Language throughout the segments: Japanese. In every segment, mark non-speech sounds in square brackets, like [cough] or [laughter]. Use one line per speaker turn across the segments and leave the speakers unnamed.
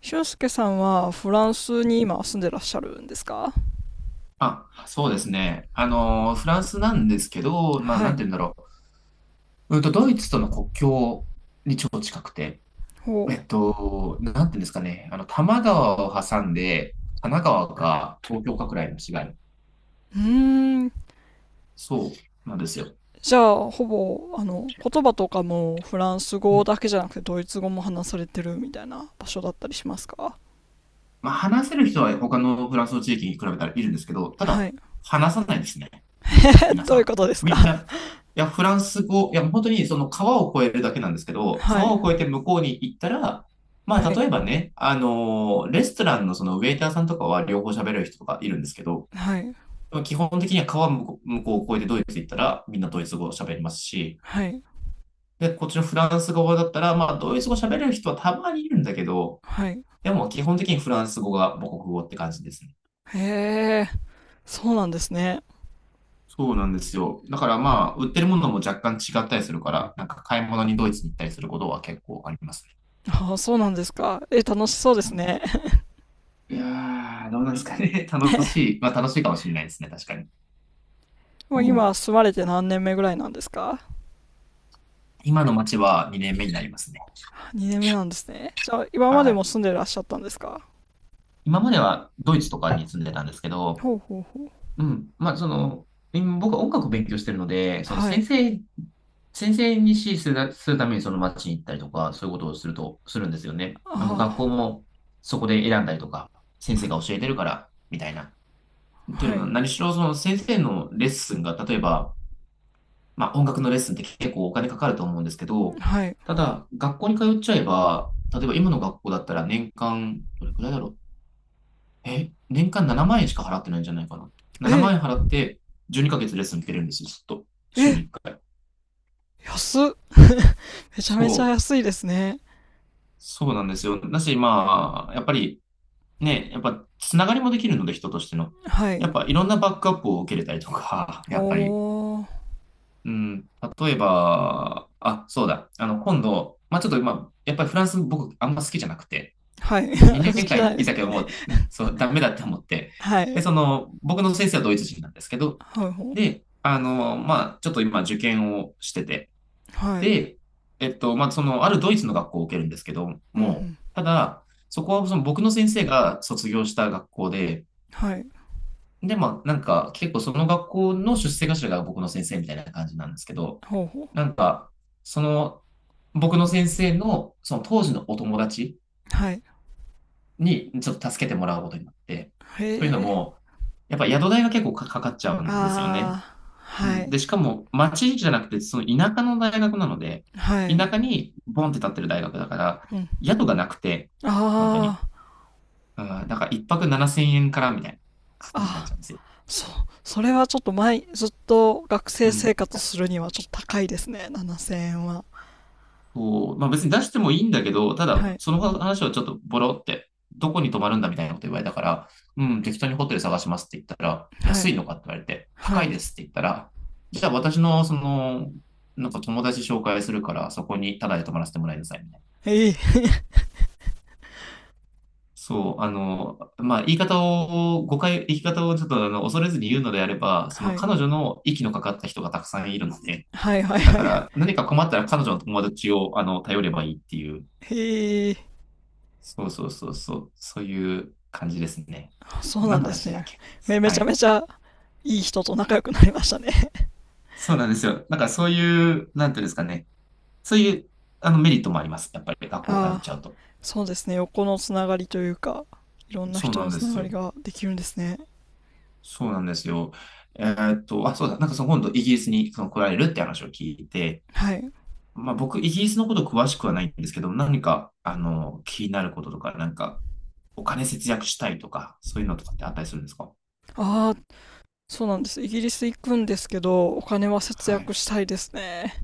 俊介さんはフランスに今住んでらっしゃるんですか？
あ、そうですね。フランスなんですけど、
は
なん
い。
て言うんだろう。うんと、ドイツとの国境に超近くて、
ほ
なんて言うんですかね。多摩川を挟んで、神奈川か東京かくらいの違い。
う。うーん。
そうなんですよ。
じゃあ、ほぼ、言葉とかもフランス
う
語
ん、
だけじゃなくてドイツ語も話されてるみたいな場所だったりしますか？
話せる人は他のフランスの地域に比べたらいるんですけど、た
は
だ、
い。
話さないですね。
[laughs]
皆
ど
さ
ういう
ん。
ことです
みんな、
か？
いや、フランス語、いや、本当にその川を越えるだけなんですけど、
はい。
川を越えて向こうに行ったら、
は
例
い。
えばね、レストランのそのウェイターさんとかは両方喋れる人とかいるんですけど、
はい。
基本的には川向こうを越えてドイツ行ったら、みんなドイツ語を喋りますし、
はい。
で、こっちのフランス語だったら、ドイツ語喋れる人はたまにいるんだけど、
はい。
でも基本的にフランス語が母国語って感じですね。
へえ、そうなんですね。
そうなんですよ。だから売ってるものも若干違ったりするから、なんか買い物にドイツに行ったりすることは結構あります
ああ、そうなんですか。え、楽しそうです
ね。
ね。
いやー、どうなんですかね。[laughs] 楽
[laughs]
しい。まあ楽しいかもしれないですね。確かに。
も
う
う今
ん、
住まれて何年目ぐらいなんですか？
今の街は2年目になりますね。
2年目なんですね。じゃあ、今ま
は
でも
い。
住んでらっしゃったんですか？
今まではドイツとかに住んでたんですけど、
ほうほうほう。
うん。今僕は音楽を勉強してるので、
はい。
先生に指示するためにその街に行ったりとか、そういうことをすると、するんですよね。
あ
学校もそこで選んだりとか、先生が教えてるから、みたいな。ってい
あ、
う
は
のも、
い。
何しろその先生のレッスンが、例えば、音楽のレッスンって結構お金かかると思うんですけど、
はい。
ただ、学校に通っちゃえば、例えば今の学校だったら年間、どれくらいだろう。え、年間7万円しか払ってないんじゃないかな。7
え、
万円払って12ヶ月レッスン受けれるんですよ、ずっと。週に
え、
1回。
安っ。めちゃめちゃ
そう、
安いですね。
そうなんですよ。だし、やっぱりね、やっぱつながりもできるので、人としての。
は
やっ
い。
ぱいろんなバックアップを受けれたりとか、[laughs] やっぱり。
おー。
うん、例えば、あ、そうだ。今度、まあちょっと、まあ、やっぱりフランス僕あんま好きじゃなくて、
はい。[laughs] 好
2
き
年
じゃな
間
いで
い
す
たけど、
ね。
もう、うん、そう、ダメだって思って。
は
で、
い。
その、僕の先生はドイツ人なんですけど、
はいほう。
で、ちょっと今受験をしてて、
はい。
で、あるドイツの学校を受けるんですけど、
うんう
もう、
ん。
ただ、そこはその僕の先生が卒業した学校で、
はい。
で、結構その学校の出世頭が僕の先生みたいな感じなんですけど、
ほうほう。
なんか、その、僕の先生の、その当時のお友達
はい。
にちょっと助けてもらうことになって。というの
へえ。
も、やっぱ宿代が結構かかっちゃうんですよね。
ああ。
う
は
ん。
い。
で、しかも町じゃなくて、その田舎の大学なので、
はい。
田舎にボンって立ってる大学だから、
うん。
宿がなくて、本当
あ
に。
あ。
うん、だから一泊7000円からみたいな感じになっち
ああ。
ゃうんですよ。
そそれはちょっと前、ずっと学
う
生生
ん。
活するにはちょっと高いですね、7000円は。
そう、まあ別に出してもいいんだけど、ただ、
はい、
その話をちょっとボロって、どこに泊まるんだみたいなこと言われたから、うん、適当にホテル探しますって言ったら、
は
安い
い、
のかって言われて、
は
高い
い。
ですって言ったら、じゃあ私の、その、なんか友達紹介するから、そこにタダで泊まらせてもらいなさいみたいな。
ええ。
そう、言い方をちょっと恐れずに言うのであれ
[laughs]
ば、その
はい、
彼女の息のかかった人がたくさんいるので、
はい、はい、
だ
は
か
い。
ら何か困ったら彼女の友達を頼ればいいっていう。
ええ、
そうそうそうそう、そういう感じですね。
そうな
何
ん
の
です
話だっ
ね。
け。
め、め
は
ちゃめ
い。
ちゃいい人と仲良くなりましたね。
そうなんですよ。なんかそういう、なんていうんですかね。そういう、あの、メリットもあります。やっぱり学校通っち
ああ、
ゃうと。
そうですね、横のつながりというか、いろんな
そう
人
な
の
んで
つな
す
がり
よ。
ができるんですね。
そうなんですよ。あ、そうだ。なんかその今度イギリスにその来られるって話を聞いて、
はい。
まあ僕、イギリスのこと詳しくはないんですけど、何か、あの、気になることとか、お金節約したいとか、そういうのとかってあったりするんですか？
ああ、そうなんです。イギリス行くんですけど、お金は節
は
約
い。
したいですね。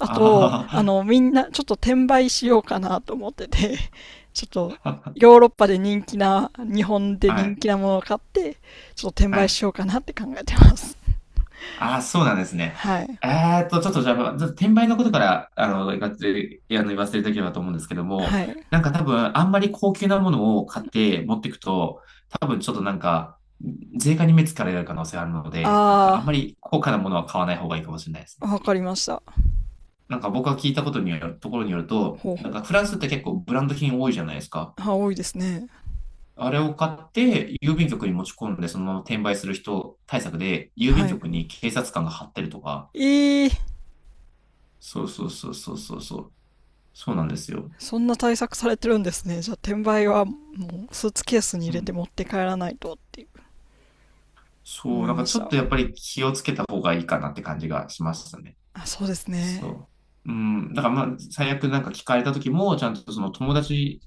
あと、
あ
みんな、ちょっと転売しようかなと思ってて、[laughs] ちょっと、
あ、
ヨーロッパで人気な、日本
[laughs]
で
は
人
い。
気なものを買って、ちょっと転
は
売
い。
しようかなって考えてます。
ああ、そうなんです
[laughs]
ね。
はい。
ちょっとじゃあ、まあちょっと転売のことから、がっつり、言わせていただければと思うんですけども、
はい。
なんか多分、あんまり高級なものを買って持っていくと、多分ちょっとなんか、税関に目つかれる可能性あるので、なんかあんま
あ
り高価なものは買わない方がいいかもしれないですね。
ー、わかりました。
なんか僕が聞いたことによる、ところによると、
ほう
なんか
ほ
フランスって結構ブランド品多いじゃないですか。
う。あ、多いですね。
あれを買って郵便局に持ち込んで、そのまま転売する人対策で、郵便
はい。
局に警察官が張ってるとか、
えー、
そうそうそうそうそうそう。そうなんですよ。
そんな対策されてるんですね。じゃあ、転売は、もう、スーツケースに入
う
れて
ん。
持って帰らないとっていう
そ
思
う、
い
なんか
ま
ら
し
ちょっ
た。
とやっぱり気をつけた方がいいかなって感じがしますね。
あ、そうですね。
そう。うん。だから最悪なんか聞かれた時も、ちゃんとその友達、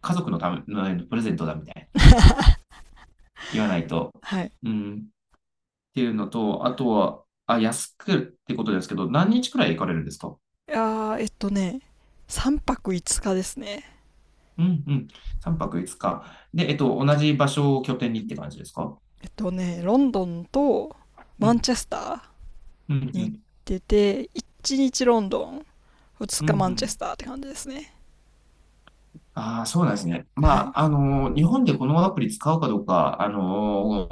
家族のためのプレゼントだみたいな
[laughs]
言わないと。
はい。
うん。っていうのと、あとは、あ、安くってことですけど、何日くらい行かれるんですか？
いやー、3泊5日ですね。
うんうん。3泊5日。で、えっと、同じ場所を拠点にって感じですか？
ロンドンと
う
マン
ん。
チェスター
うんう
に行っ
ん。
てて、1日ロンドン、2
うんう
日マンチェ
ん。
スターって感じですね。
ああ、そうなんですね。
はい。
日本でこのアプリ使うかどうか、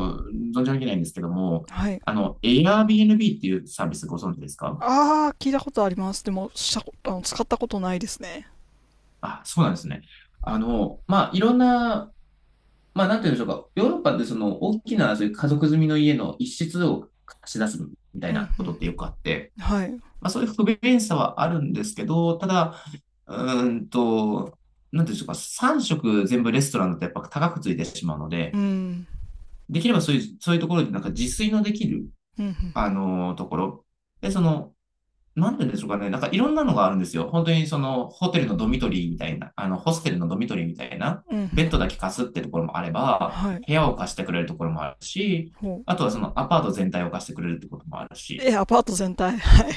存じ上げないんですけども、
はい。
Airbnb っていうサービスご存知ですか？
あー、聞いたことあります。でも、したこと、あの、使ったことないですね。
あ、そうなんですね。あの、まあ、いろんな、まあ、なんて言うんでしょうか。ヨーロッパでその大きなそういう家族住みの家の一室を貸し出すみたい
うん、
な
う
こと
ん。
ってよくあって、
はい。
まあ、そういう不便さはあるんですけど、ただ、うーんと、なんて言うんでしょうか。3食全部レストランだとやっぱ高くついてしまうの
う
で、
ん。
できればそういうところでなんか自炊のできる、
うん、うん。
ところ。で、その、なんて言うんでしょうかね。なんかいろんなのがあるんですよ。本当に、ホステルのドミトリーみたいな、
うん、う
ベッ
ん。
ドだけ貸すってところもあれば、
はい。
部屋を貸してくれるところもあるし、
ほう。
あとはそのアパート全体を貸してくれるってこともあるし、
え、アパート全体。はい。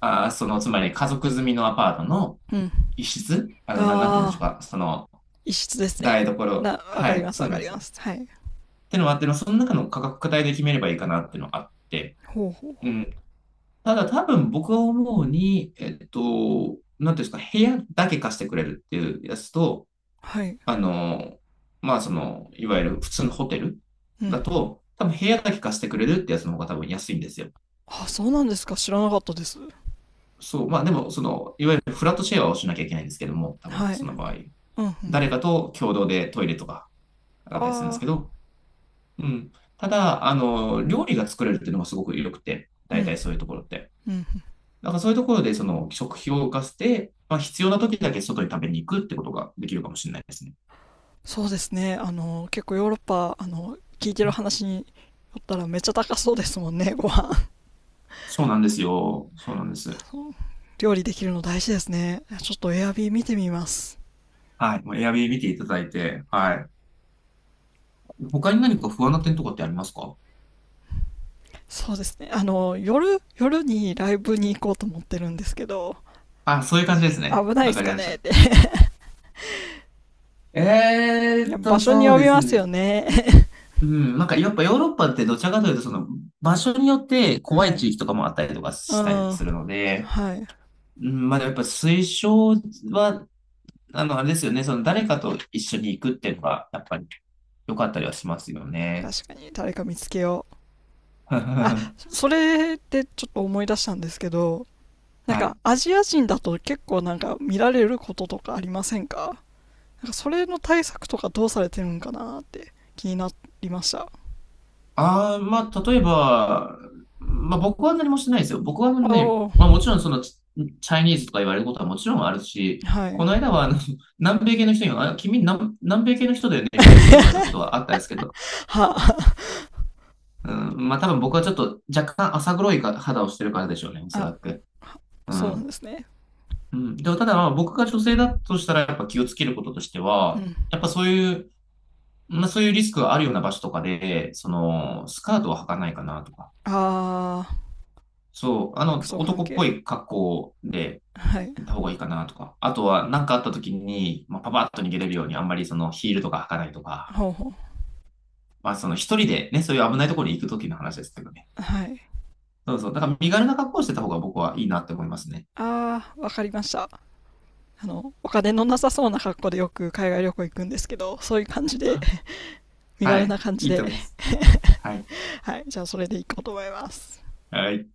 その、つまり家族住みのアパートの
うん。
一室、なんて言うんでしょ
あ
う
ー、
か。その、
一室ですね。
台所。
わか
は
り
い、
ます、
そ
わ
う
か
なんで
り
す。っ
ます。はい。
てのもあっての、その中の価格帯で決めればいいかなっていうのがあって、
ほうほう。
うん、ただ多分僕は思うに、なんていうんですか、部屋だけ貸してくれるっていうやつと、
はい。
あの、まあその、いわゆる普通のホテル
うん。
だと、多分部屋だけ貸してくれるってやつの方が多分安いんですよ。
あ、そうなんですか。知らなかったです。
そう、まあでも、その、いわゆるフラットシェアをしなきゃいけないんですけども、多分
は
そ
い。
の場合。
うんうん。
誰かと共同でトイレとかだ
あ
ったりするんですけ
あ、
ど、うん。ただ、あの、料理が作れるっていうのがすごく良くて、
うん、
大体そういうところって。
うんうん。
だからそういうところで、その食費を浮かせて、まあ、必要な時だけ外に食べに行くってことができるかもしれないですね。
そうですね。結構ヨーロッパ、聞いてる話によったらめっちゃ高そうですもんね、[laughs] ご飯。
そうなんですよ。そうなんです。
そう、料理できるの大事ですね。ちょっとエアビー見てみます。
はい。もうエアビー見ていただいて、はい。他に何か不安な点とかってありますか。
そうですね。夜にライブに行こうと思ってるんですけど、
あ、そういう感じですね。
危ないで
わ
す
かり
か
まし
ねっ
た。
て。いや、場所に
そう
呼
で
びま
す
すよ
ね。
ね。
うん、なんかやっぱヨーロッパってどちらかというとその場所によって
[laughs]
怖
は
い
い。
地域とかもあったりとか
う
したり
ん。
するので、
はい。
うん、まあやっぱ推奨はあの、あれですよね。その誰かと一緒に行くっていうのが、やっぱり良かったりはしますよね。
確かに、誰か見つけよう。
[laughs]
あ、
は
それでちょっと思い出したんですけど、なん
い。
かアジア人だと結構なんか見られることとかありませんか？なんかそれの対策とかどうされてるんかなって気になりました。
ああ、まあ、例えば、まあ、僕は何もしてないですよ。僕は
お
ね、
お、
まあ、もちろんその、チャイニーズとか言われることはもちろんあるし、
は
こ
い。
の間は、あの、[laughs] 南米系の人に、あ、君南米系の人だよねみたいなことを言われたこ
[laughs]
とはあったんですけど、
は、
うん、まあ、多分僕はちょっと若干浅黒いか肌をしてるからでしょうね、おそ
あ、
らく。う
そうなん
ん
ですね。
うん。でも、ただ、まあ僕が女性だとしたら、やっぱ気をつけることとして
う
は、
ん。
やっぱそういう、まあそういうリスクがあるような場所とかで、その、スカートは履かないかなとか、
ああ、
そう、あの、
服装関
男っぽ
係。
い格好で
はい。
行った方がいいかなとか、あとは何かあった時に、まあ、パパッと逃げれるように、あんまりそのヒールとか履かないとか、
ほうほ
まあその一人でね、そういう危ないところに行く時の話ですけどね。
う。はい。
そうそう。だから身軽な格好をしてた方が僕はいいなって思いますね。
ああ、わかりました。お金のなさそうな格好でよく海外旅行行くんですけど、そういう感じで、
[laughs]
身
は
軽な
い。
感じ
いいと
で。
思います。はい。
[laughs] はい、じゃあそれでいこうと思います。
はい。